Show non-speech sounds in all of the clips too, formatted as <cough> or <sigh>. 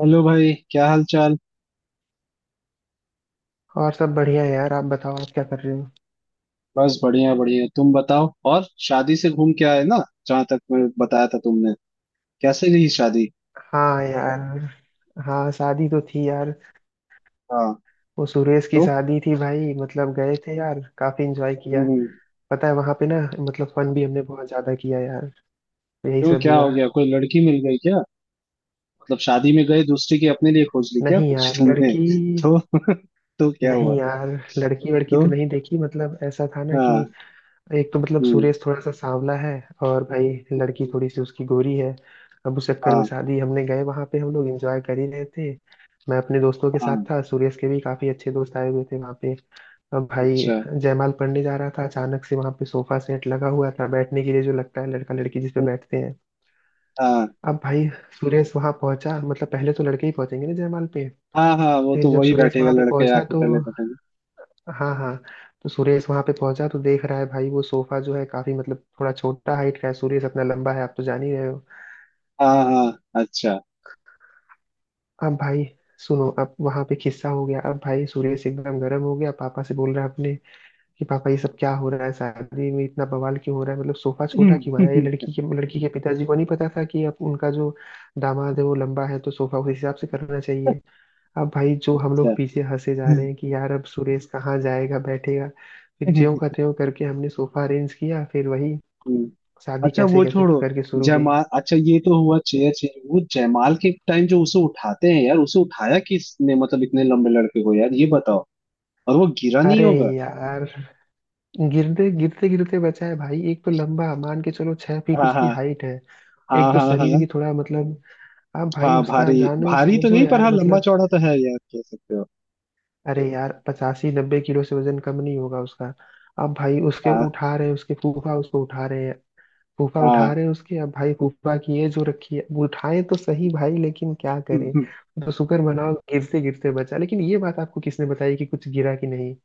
Hello भाई, क्या हाल चाल। और सब बढ़िया है यार। आप बताओ, आप क्या कर रहे हो? बस बढ़िया बढ़िया, तुम बताओ। और शादी से घूम के आए ना, जहां तक मैं बताया था तुमने। कैसे गई शादी? हाँ यार। हाँ, शादी तो थी यार। हाँ। वो सुरेश की तो शादी थी भाई, मतलब गए थे यार, काफी एंजॉय किया। हम्म हम्म। पता है वहां पे ना, मतलब फन भी हमने बहुत ज्यादा किया यार। तो यही क्यों, सब क्या हुआ। हो गया? कोई लड़की मिल गई क्या? मतलब शादी में गए दूसरी की अपने लिए खोज ली क्या नहीं कुछ यार, तुमने। लड़की <laughs> तो तो क्या नहीं हुआ? यार। लड़की वड़की तो तो नहीं देखी, मतलब ऐसा था ना कि हाँ। एक तो मतलब हम्म। सुरेश थोड़ा सा सांवला है, और भाई लड़की थोड़ी सी उसकी गोरी है। अब उस चक्कर में हाँ शादी, हमने गए वहां पे, हम लोग एंजॉय कर ही रहे थे। मैं अपने दोस्तों के साथ हाँ, था, सुरेश के भी काफी अच्छे दोस्त आए हुए थे वहां पे। अब भाई अच्छा। जयमाल पढ़ने जा रहा था, अचानक से वहां पे सोफा सेट लगा हुआ था बैठने के लिए, जो लगता है लड़का लड़की जिस पे हम्म, बैठते हैं। हाँ अब भाई सुरेश वहां पहुंचा, मतलब पहले तो लड़के ही पहुंचेंगे ना जयमाल पे। हाँ हाँ, वो फिर तो जब वही सुरेश बैठेगा, वहां पे लड़के पहुंचा आके तो पहले बैठेंगे। हाँ हाँ, तो सुरेश वहां पे पहुंचा तो देख रहा है भाई वो सोफा जो है काफी मतलब थोड़ा छोटा हाइट का है। सुरेश अपना लंबा है, आप तो जान ही रहे हो। हाँ हाँ, अच्छा। अब भाई सुनो, अब वहां पे खिस्सा हो गया। अब भाई सुरेश एकदम गर्म हो गया, पापा से बोल रहा है अपने कि पापा ये सब क्या हो रहा है, शादी में इतना बवाल क्यों हो रहा है, मतलब सोफा छोटा क्यों आया, ये <laughs> लड़की के पिताजी को नहीं पता था कि अब उनका जो दामाद है वो लंबा है, तो सोफा उस हिसाब से करना चाहिए। अब भाई जो हम लोग पीछे हंसे जा रहे हैं कि यार अब सुरेश कहाँ जाएगा बैठेगा। फिर ज्यों का अच्छा। त्यों करके हमने सोफा अरेंज किया, फिर वही हम्म। शादी अच्छा कैसे वो कैसे छोड़ो। करके शुरू हुई। जयमाल, अच्छा ये तो हुआ चेयर चेंज। वो जयमाल के टाइम जो उसे उठाते हैं यार, उसे उठाया किसने? मतलब इतने लंबे लड़के को, यार ये बताओ। और वो गिरा नहीं अरे होगा? यार, गिरते गिरते गिरते बचा है भाई। एक तो लंबा, मान के चलो 6 फीट हाँ। उसकी हाँ हाइट है। हाँ एक तो हाँ। शरीर हाँ भी थोड़ा मतलब, अब भाई हाँ उसका भारी जानो भारी तो समझो नहीं, पर यार हाँ लंबा मतलब, चौड़ा तो है यार, कह सकते हो। अरे यार 85-90 किलो से वजन कम नहीं होगा उसका। अब भाई उसके हाँ उठा रहे हैं, उसके फूफा उसको उठा रहे हैं। फूफा उठा हाँ। रहे हैं उसके, अब भाई फूफा की ये जो रखी है, अब उठाए तो सही भाई, लेकिन क्या करे। <laughs> तो शुक्र मनाओ गिरते गिरते बचा, लेकिन ये बात आपको किसने बताई कि कुछ गिरा कि नहीं?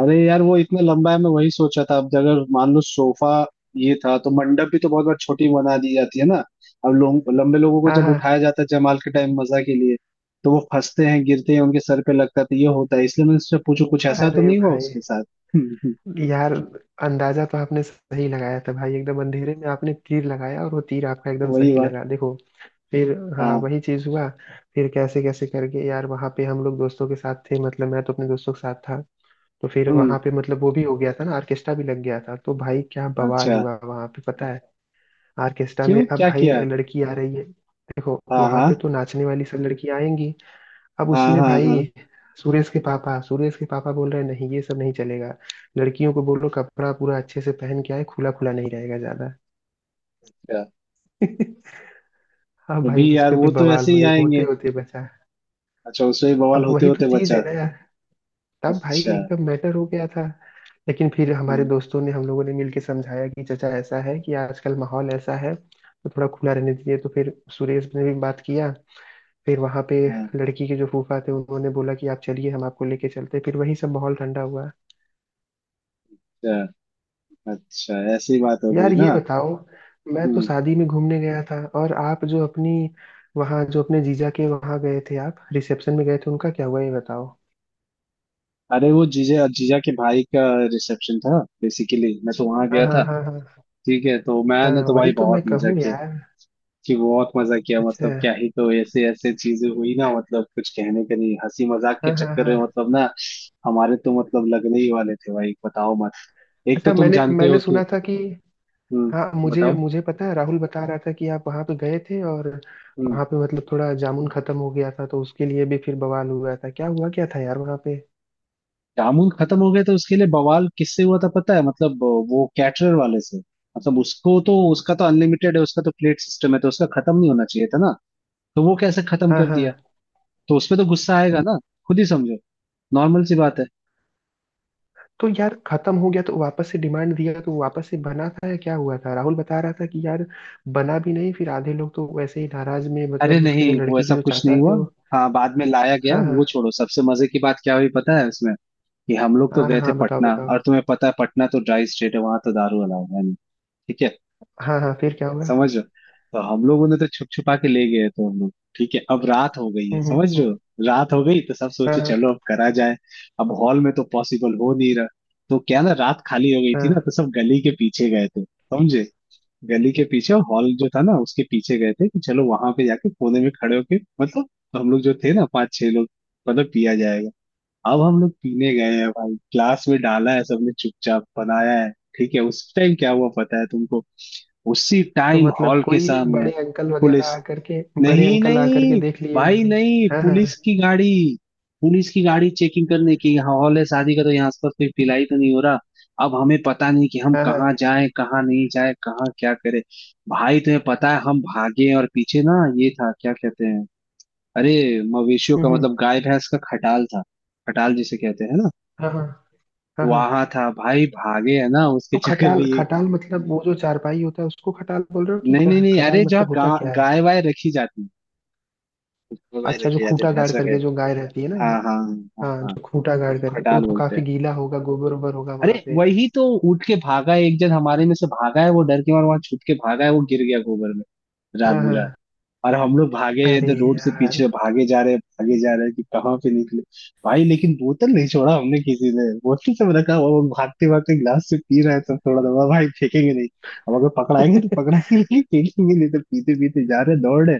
अरे यार वो इतना लंबा है, मैं वही सोचा था। अब अगर मान लो सोफा ये था, तो मंडप भी तो बहुत बार छोटी बना दी जाती है ना। अब लोग, लंबे लोगों को हाँ जब उठाया हाँ जाता है जमाल के टाइम मजा के लिए, तो वो फंसते हैं, गिरते हैं, उनके सर पे लगता है। तो ये होता है, इसलिए मैंने उससे पूछू कुछ हाँ, ऐसा तो अरे नहीं हुआ भाई, उसके साथ। <laughs> हम्म, यार, अंदाजा तो आपने सही लगाया था भाई, एकदम अंधेरे में आपने तीर लगाया और वो तीर आपका एकदम वही सही बात। लगा देखो। फिर हाँ, हाँ। वही चीज हुआ। फिर कैसे कैसे करके यार वहां पे हम लोग दोस्तों के साथ थे, मतलब मैं तो अपने दोस्तों के साथ था। तो फिर हम्म। वहां पे मतलब वो भी हो गया था ना, ऑर्केस्ट्रा भी लग गया था, तो भाई क्या बवाल अच्छा। हुआ वहां पे, पता है? ऑर्केस्ट्रा में क्यों, अब क्या भाई किया है? लड़की आ रही है, देखो हाँ वहां हाँ पे तो नाचने वाली सब लड़कियां आएंगी। अब हाँ। उसमें हाँ हाँ, भाई सुरेश के पापा, सुरेश के पापा बोल रहे हैं, नहीं ये सब नहीं चलेगा, लड़कियों को बोलो कपड़ा पूरा अच्छे से पहन के आए, खुला खुला नहीं रहेगा ज्यादा। अच्छा। <laughs> हाँ भाई, अभी उस यार पे भी वो तो बवाल ऐसे ही होने होते आएंगे। होते बचा। अच्छा, उसमें बवाल अब होते वही तो होते चीज है बचा। ना यार, तब भाई अच्छा। एकदम मैटर हो गया था। लेकिन फिर हमारे हम्म, दोस्तों ने, हम लोगों ने मिलके समझाया कि चाचा ऐसा है कि आजकल माहौल ऐसा है तो थोड़ा खुला रहने दीजिए, तो फिर सुरेश ने भी बात किया। फिर वहां पे हाँ, लड़की के जो फूफा थे उन्होंने बोला कि आप चलिए, हम आपको लेके चलते हैं। फिर वही सब माहौल ठंडा हुआ। अच्छा। अच्छा ऐसी बात हो गई यार ये ना। बताओ, मैं तो हम्म। शादी में घूमने गया था, और आप जो अपनी वहाँ जो अपने जीजा के वहाँ गए थे, आप रिसेप्शन में गए थे, उनका क्या हुआ ये बताओ। अरे वो जीजा, जीजा के भाई का रिसेप्शन था बेसिकली। मैं तो वहां हाँ गया हाँ था। हाँ हाँ। ठीक है, तो मैंने हाँ तो वही भाई तो बहुत मैं मजा कहूँ किया। यार। कि बहुत मजा किया अच्छा। मतलब क्या ही, तो ऐसे ऐसे चीजें हुई ना मतलब, कुछ कहने का नहीं, हंसी मजाक के हाँ हाँ चक्कर हाँ। में मतलब ना, हमारे तो मतलब लगने ही वाले थे भाई, बताओ मत। एक तो अच्छा, तुम मैंने जानते मैंने हो कि, सुना था कि हाँ, हम्म, मुझे बताओ। मुझे पता है, राहुल बता रहा था कि आप वहाँ पे गए थे और हम्म। वहाँ पे मतलब थोड़ा जामुन खत्म हो गया था तो उसके लिए भी फिर बवाल हुआ था, क्या हुआ क्या था यार वहाँ पे? जामुन खत्म हो गया तो उसके लिए बवाल किससे हुआ था पता है? मतलब वो कैटरर वाले से। मतलब उसको तो, उसका तो अनलिमिटेड है, उसका तो प्लेट सिस्टम है, तो उसका खत्म नहीं होना चाहिए था ना। तो वो कैसे खत्म हाँ कर दिया? हाँ। तो उसपे तो गुस्सा आएगा ना, खुद ही समझो। नॉर्मल सी बात है। तो यार खत्म हो गया तो वापस से डिमांड दिया तो वापस से बना था या क्या हुआ था? राहुल बता रहा था कि यार बना भी नहीं, फिर आधे लोग तो वैसे ही नाराज में, अरे मतलब उसके नहीं, जो वो लड़की के ऐसा जो कुछ चाचा नहीं थे हुआ। वो। हाँ, बाद में लाया गया। हाँ वो हाँ छोड़ो, सबसे मजे की बात क्या हुई पता है उसमें? कि हम लोग तो हाँ हाँ गए थे हाँ, बताओ पटना, बताओ। और तुम्हें पता है पटना तो ड्राई स्टेट है, वहां तो दारू अलाउ है नहीं। ठीक है। हाँ हाँ, फिर क्या हुआ? समझ रहे हो, तो हम लोग उन्हें तो छुप छुपा के ले गए। तो हम लोग ठीक है अब रात हो गई है, हम्म हम्म समझ हम्म, रहे हो। रात हो गई तो सब हाँ सोचे हाँ चलो अब करा जाए। अब हॉल में तो पॉसिबल हो नहीं रहा। तो क्या ना, रात खाली हो गई थी ना, तो हाँ। सब गली के पीछे गए थे, समझे। गली के पीछे और हॉल जो था ना उसके पीछे गए थे, कि चलो वहां पे जाके कोने में खड़े होके मतलब, हम लोग जो थे ना 5-6 लोग, मतलब पिया जाएगा। अब हम लोग पीने गए हैं भाई, ग्लास में डाला है, सबने चुपचाप बनाया है। ठीक है, उस टाइम क्या हुआ पता है तुमको, उसी तो टाइम मतलब हॉल के कोई सामने बड़े अंकल वगैरह पुलिस। आकर के, बड़े नहीं अंकल आकर के नहीं, देख लिए भाई होंगे। नहीं, हाँ हाँ पुलिस की गाड़ी। पुलिस की गाड़ी, चेकिंग करने की, यहाँ हॉल है शादी का तो यहाँ आसपास कोई पिलाई तो नहीं हो रहा। अब हमें पता नहीं कि हम हाँ कहाँ हाँ। जाएं कहाँ नहीं जाएं, कहाँ क्या करें। भाई तुम्हें पता है हम भागे, और पीछे ना ये था क्या कहते हैं, अरे मवेशियों हम्म का मतलब हम्म, गाय भैंस का खटाल था। खटाल जिसे कहते हैं ना, हाँ हाँ हाँ हाँ। वहां था भाई। भागे है ना उसके तो चक्कर खटाल, में ये, खटाल मतलब वो जो चारपाई होता है उसको खटाल बोल रहे हो कि नहीं क्या नहीं है? नहीं, खटाल अरे जहाँ मतलब होता क्या है? गाय वाय रखी जाती है, वो भाई, अच्छा, जो रखे जाते हैं खूटा गाड़ भैंस रखे। करके जो गाय रहती है ना, हाँ हाँ। हाँ हाँ हाँ, जो खूटा वो गाड़ तो करके, तो वो खटाल तो बोलते काफी हैं, गीला होगा, गोबर ओबर होगा अरे वहां पे। वही तो। उठ के भागा है, एक जन हमारे में से भागा है, वो डर के मारे वहां छुप के भागा है, वो गिर गया गोबर में। रात हाँ हाँ। बिरात। और हम लोग भागे अरे इधर, रोड से यार। पीछे <laughs> भागे जा रहे, भागे जा रहे कि कहाँ पे निकले। भाई लेकिन बोतल नहीं छोड़ा हमने, किसी ने बोतल, सब रखा हुआ, वो भागते भागते गिलास से पी रहे सब थोड़ा थोड़ा, भाई फेंकेंगे नहीं। अब अगर पकड़ाएंगे तो पकड़ाएंगे, लेकिन फेंकेंगे नहीं। तो पीते पीते जा रहे, दौड़ रहे,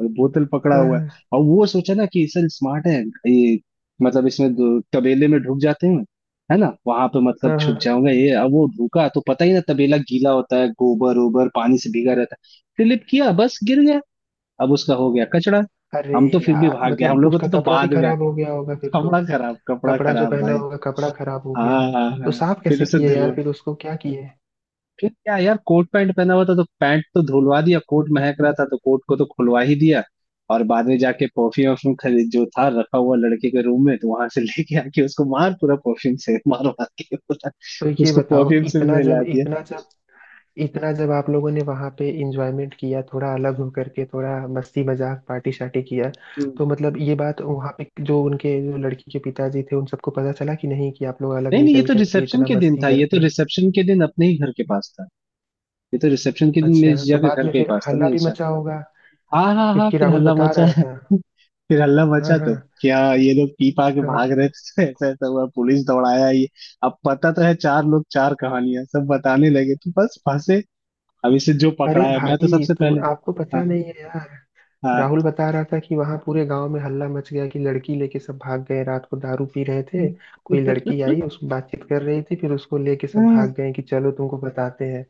और बोतल पकड़ा हुआ है। हाँ और वो सोचा ना कि सर स्मार्ट है, ये, मतलब इसमें तबेले में ढुक जाते हैं, है ना, वहां पे मतलब हाँ छुप हाँ, जाऊंगा ये। अब वो ढुका तो पता ही ना, तबेला गीला होता है, गोबर ओबर पानी से भीगा रहता है। स्लिप किया, बस गिर गया। अब उसका हो गया कचड़ा। अरे हम तो फिर भी यार भाग गए, हम मतलब लोगों उसका तो कपड़ा भी बाद में आया। खराब हो गया होगा फिर तो। कपड़ा खराब, कपड़ा कपड़ा जो खराब पहना भाई। होगा कपड़ा खराब हो गया। हाँ हाँ तो हाँ। साफ फिर कैसे उसे किए यार धुलवा, फिर उसको, क्या किए? फिर क्या यार, कोट पैंट पहना हुआ था तो पैंट तो धुलवा दिया, कोट महक रहा था तो कोट को तो खुलवा ही दिया। और बाद में जाके परफ्यूम वर्फ्यूम खरीद, जो था रखा हुआ लड़के के रूम में, तो वहां से <laughs> लेके आके उसको मार पूरा, परफ्यूम से मार मार के पूरा तो ये उसको बताओ, परफ्यूम से भी इतना जब नहला दिया। इतना जब इतना जब आप लोगों ने वहां पे इंजॉयमेंट किया, थोड़ा अलग हो करके, थोड़ा मस्ती मजाक पार्टी शार्टी किया, हम्म। तो मतलब ये बात वहां पे जो उनके जो लड़की के पिताजी थे उन सबको पता चला कि नहीं, कि आप लोग अलग नहीं नहीं, ये निकल तो करके रिसेप्शन इतना के दिन मस्ती था। ये तो करके। रिसेप्शन के दिन अपने ही घर के पास था। ये तो रिसेप्शन के दिन अच्छा, मेरी जीजा तो के बाद घर में के ही फिर पास था हल्ला ना ये। भी मचा होगा, हाँ हाँ हाँ, क्योंकि फिर राहुल हल्ला बता मचा रहा है। था। <laughs> फिर हल्ला हाँ मचा तो, हाँ क्या ये लोग पी पा के हाँ। भाग रहे थे, <laughs> ऐसा ऐसा हुआ, पुलिस दौड़ाया ये। अब पता तो है, चार लोग चार कहानियां सब बताने लगे तो बस फंसे। अब इसे जो अरे पकड़ाया मैं तो भाई सबसे तुम, पहले। आपको हाँ पता नहीं है यार, हाँ। राहुल बता रहा था कि वहां पूरे गांव में हल्ला मच गया कि लड़की लेके सब भाग गए, रात को दारू पी रहे थे, कोई लड़की <laughs> आई उसको बातचीत कर रही थी, फिर उसको लेके सब हाँ भाग गए, कि चलो तुमको बताते हैं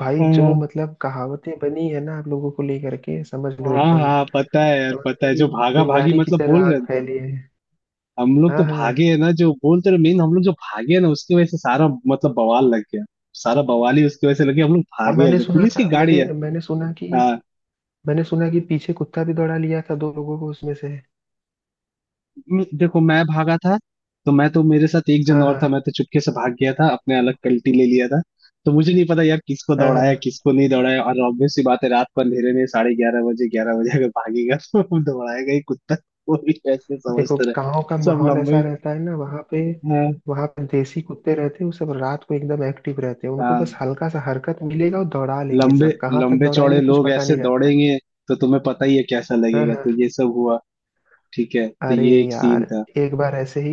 भाई जो मतलब कहावतें बनी है ना आप लोगों को लेकर के, समझ लो हाँ एकदम, हाँ, पता है यार, समझ पता लो है कि जो भागा भागी चिंगारी की मतलब तरह बोल आग रहे हैं। फैली है। हम लोग हाँ तो भागे हाँ। है ना, जो बोलते रहे मेन, हम लोग जो भागे है ना उसकी वजह से सारा मतलब बवाल लग गया। सारा बवाल ही उसकी वजह से लग गया, हम लोग अब भागे है मैंने जो सुना पुलिस था की मैंने गाड़ी है। मैंने सुना कि हाँ, मैंने सुना कि पीछे कुत्ता भी दौड़ा लिया था दो लोगों को उसमें से। देखो मैं भागा था, तो मैं तो, मेरे साथ एक जन हाँ और था, हाँ मैं तो चुपके से भाग गया था अपने, अलग कल्टी ले लिया था। तो मुझे नहीं पता यार किसको हाँ दौड़ाया हाँ। किसको नहीं दौड़ाया। और ऑब्वियस सी बात है, रात को अंधेरे में 11:30 बजे, 11 बजे अगर भागेगा तो <laughs> दौड़ाएगा ही कुत्ता। वो भी ऐसे देखो समझते रहे, गांव का सब माहौल ऐसा लंबे। रहता है ना वहां पे। हाँ वहां पे देसी कुत्ते रहते हैं वो सब रात को एकदम एक्टिव रहते हैं, उनको हाँ, बस हल्का सा हरकत मिलेगा और दौड़ा लेंगे, लंबे, सब कहाँ तक लंबे चौड़े दौड़ाएंगे कुछ लोग पता ऐसे नहीं रहता दौड़ेंगे, तो तुम्हें पता ही है कैसा लगेगा। है। तो ये सब हुआ, ठीक है, तो अरे ये एक सीन यार, था। एक बार ऐसे ही,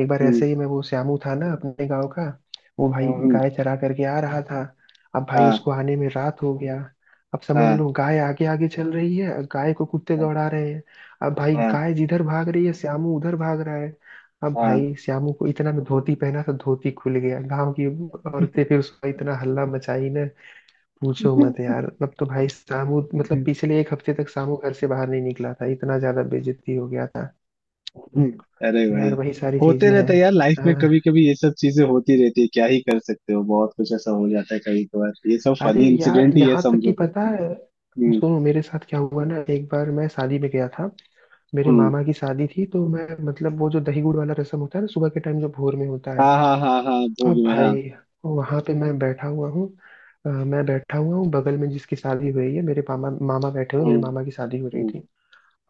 एक बार हम्म ऐसे ही मैं, वो श्यामू था ना अपने गांव का। वो भाई हम्म, हम्म, गाय चरा करके आ रहा था, अब भाई हाँ उसको आने में रात हो गया। अब समझ हाँ लो गाय आगे आगे चल रही है और गाय को कुत्ते हाँ दौड़ा रहे हैं। अब भाई गाय जिधर भाग रही है श्यामू उधर भाग रहा है। अब हाँ भाई श्यामू को इतना में धोती पहना, तो धोती खुल गया, गांव की औरतें फिर उसका इतना हल्ला मचाई ना, पूछो मत यार। अब तो भाई श्यामू मतलब हाँ। <laughs> पिछले एक हफ्ते तक श्यामू घर से बाहर नहीं निकला था, इतना ज्यादा बेइज्जती हो गया था। <laughs> हम्म। अरे तो भाई, यार वही सारी होते चीजें हैं। रहता है यार लाइफ में। कभी हाँ, कभी ये सब चीजें होती रहती है, क्या ही कर सकते हो, बहुत कुछ ऐसा हो जाता है कभी कभार, ये सब फनी अरे यार, इंसिडेंट ही है यहाँ तक कि समझो। पता है, हम्म सुनो मेरे साथ क्या हुआ ना। एक बार मैं शादी में गया था, मेरे हम्म। मामा की शादी थी, तो मैं मतलब वो जो दही गुड़ वाला रसम होता है ना सुबह के टाइम, जो भोर में होता है। हाँ हाँ हाँ हाँ, अब भोग में हाँ। भाई वहां पे मैं बैठा हुआ हूँ, मैं बैठा हुआ हूँ बगल में, जिसकी शादी हुई है मेरे मामा, मामा बैठे हुए, हम्म मेरे मामा की शादी हो रही हम्म। थी।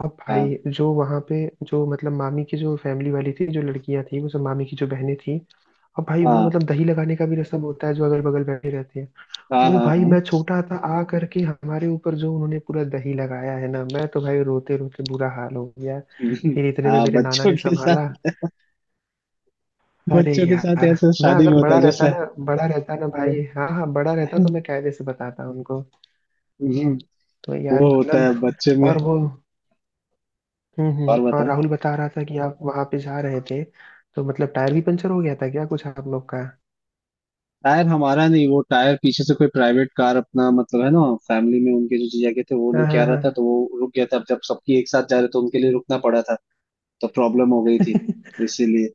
अब हाँ भाई जो वहाँ पे जो मतलब मामी की जो फैमिली वाली थी, जो लड़कियां थी वो सब मामी की जो बहनें थी। अब भाई वो हाँ मतलब दही लगाने का भी रसम होता है, जो अगल बगल बैठे रहते हैं। हाँ वो हाँ भाई हाँ। मैं <laughs> छोटा था आ करके, हमारे ऊपर जो उन्होंने पूरा दही लगाया है ना, मैं तो भाई रोते रोते बुरा हाल हो गया। हम्म, फिर इतने में हाँ मेरे नाना बच्चों ने के संभाला। साथ, अरे बच्चों के साथ यार, ऐसा मैं शादी में अगर होता बड़ा है रहता जैसा। ना, बड़ा रहता ना हाँ, भाई, हाँ हाँ, बड़ा रहता <laughs> तो मैं कायदे से बताता उनको। हम्म, तो यार वो होता है मतलब बच्चे में। और वो, हम्म, और और बताओ। राहुल बता रहा था कि आप वहां पे जा रहे थे, तो मतलब टायर भी पंचर हो गया था क्या कुछ आप लोग का? टायर हमारा नहीं, वो टायर पीछे से कोई प्राइवेट कार अपना, मतलब है ना फैमिली में उनके जो जीजा के थे, वो हाँ लेके आ रहा था, हाँ तो वो रुक गया था। अब जब सबकी एक साथ जा रहे तो उनके लिए रुकना पड़ा था, तो प्रॉब्लम हो गई थी हाँ। इसीलिए,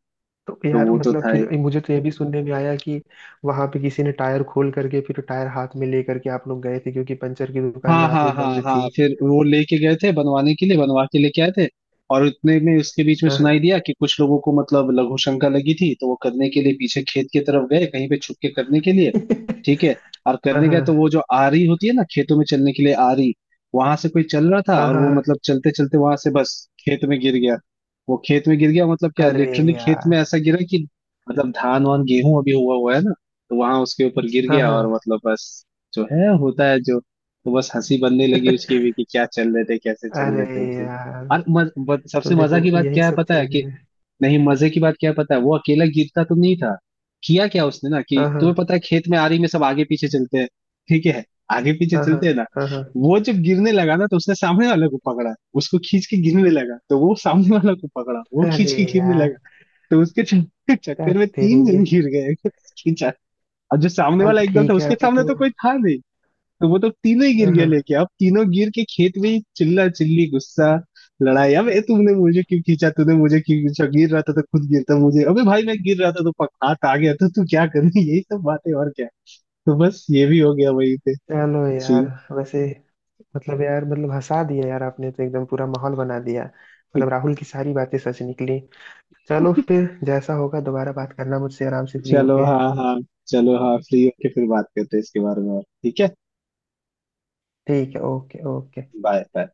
तो तो यार वो तो मतलब था। फिर मुझे तो ये भी सुनने में आया कि वहां पे किसी ने टायर खोल करके, फिर टायर हाथ में लेकर के आप लोग गए थे क्योंकि पंचर की दुकान हाँ रात हाँ में हाँ बंद थी। हाँ, फिर वो लेके गए थे बनवाने के लिए, बनवा के लेके आए थे। और उतने में उसके बीच में सुनाई हाँ दिया कि कुछ लोगों को मतलब लघु शंका लगी थी, तो वो करने के लिए पीछे खेत की तरफ गए, कहीं पे छुप के करने के लिए। ठीक है, <laughs> और हाँ करने गए तो वो हाँ जो आरी होती है ना खेतों में चलने के लिए, आरी, वहां से कोई चल रहा था, हाँ और हाँ वो हाँ। मतलब चलते चलते वहां से बस खेत में गिर गया। वो खेत में गिर गया मतलब क्या, अरे लिटरली खेत यार। में ऐसा गिरा कि, मतलब धान वान गेहूं अभी हुआ हुआ है ना, तो वहां उसके ऊपर गिर हाँ गया हाँ। और मतलब बस जो है होता है जो। तो बस हंसी बनने लगी <laughs> उसकी भी कि क्या चल रहे थे कैसे चल अरे रहे थे उसमें। यार, और तो सबसे मजा देखो की बात यही क्या है सब पता है चीज कि, है। नहीं मजे की बात क्या है पता है, वो अकेला गिरता तो नहीं था। किया क्या उसने ना कि, हाँ तुम्हें हाँ पता है खेत में आरी में सब आगे पीछे चलते हैं, ठीक है, आगे पीछे हाँ हाँ चलते हैं ना, हाँ हाँ। वो जब गिरने लगा ना तो उसने सामने वाले को पकड़ा, उसको खींच के गिरने लगा। तो वो सामने वाला को पकड़ा, वो खींच अरे के गिरने यार लगा, तो उसके क्या चक्कर में तेरे तीन ये, जन गिर गए। <laughs> खींचा, और जो सामने वाला चलो एकदम था ठीक है उसके अभी सामने तो। तो कोई था नहीं, तो वो तो तीनों ही गिर हाँ गया हाँ। लेके। अब तीनों गिर के खेत में ही चिल्ला चिल्ली, गुस्सा, लड़ाई। अब ए तुमने मुझे क्यों खींचा, तूने मुझे क्यों खींचा, गिर रहा था तो खुद गिरता मुझे, अबे भाई मैं गिर रहा था तो पक हाथ आ गया तो तू क्या कर रही है? <laughs> यही सब बातें, और क्या। तो बस ये भी हो गया वही पे चलो यार, सीन। वैसे, मतलब यार मतलब हंसा दिया यार आपने, तो एकदम पूरा माहौल बना दिया। मतलब राहुल की सारी बातें सच निकली। चलो फिर जैसा होगा दोबारा बात करना मुझसे आराम से, फ्री चलो होके। हाँ हाँ, चलो हाँ फ्री होके फिर बात करते हैं इसके बारे में, और, ठीक है। ठीक है, ओके ओके। Bye bye.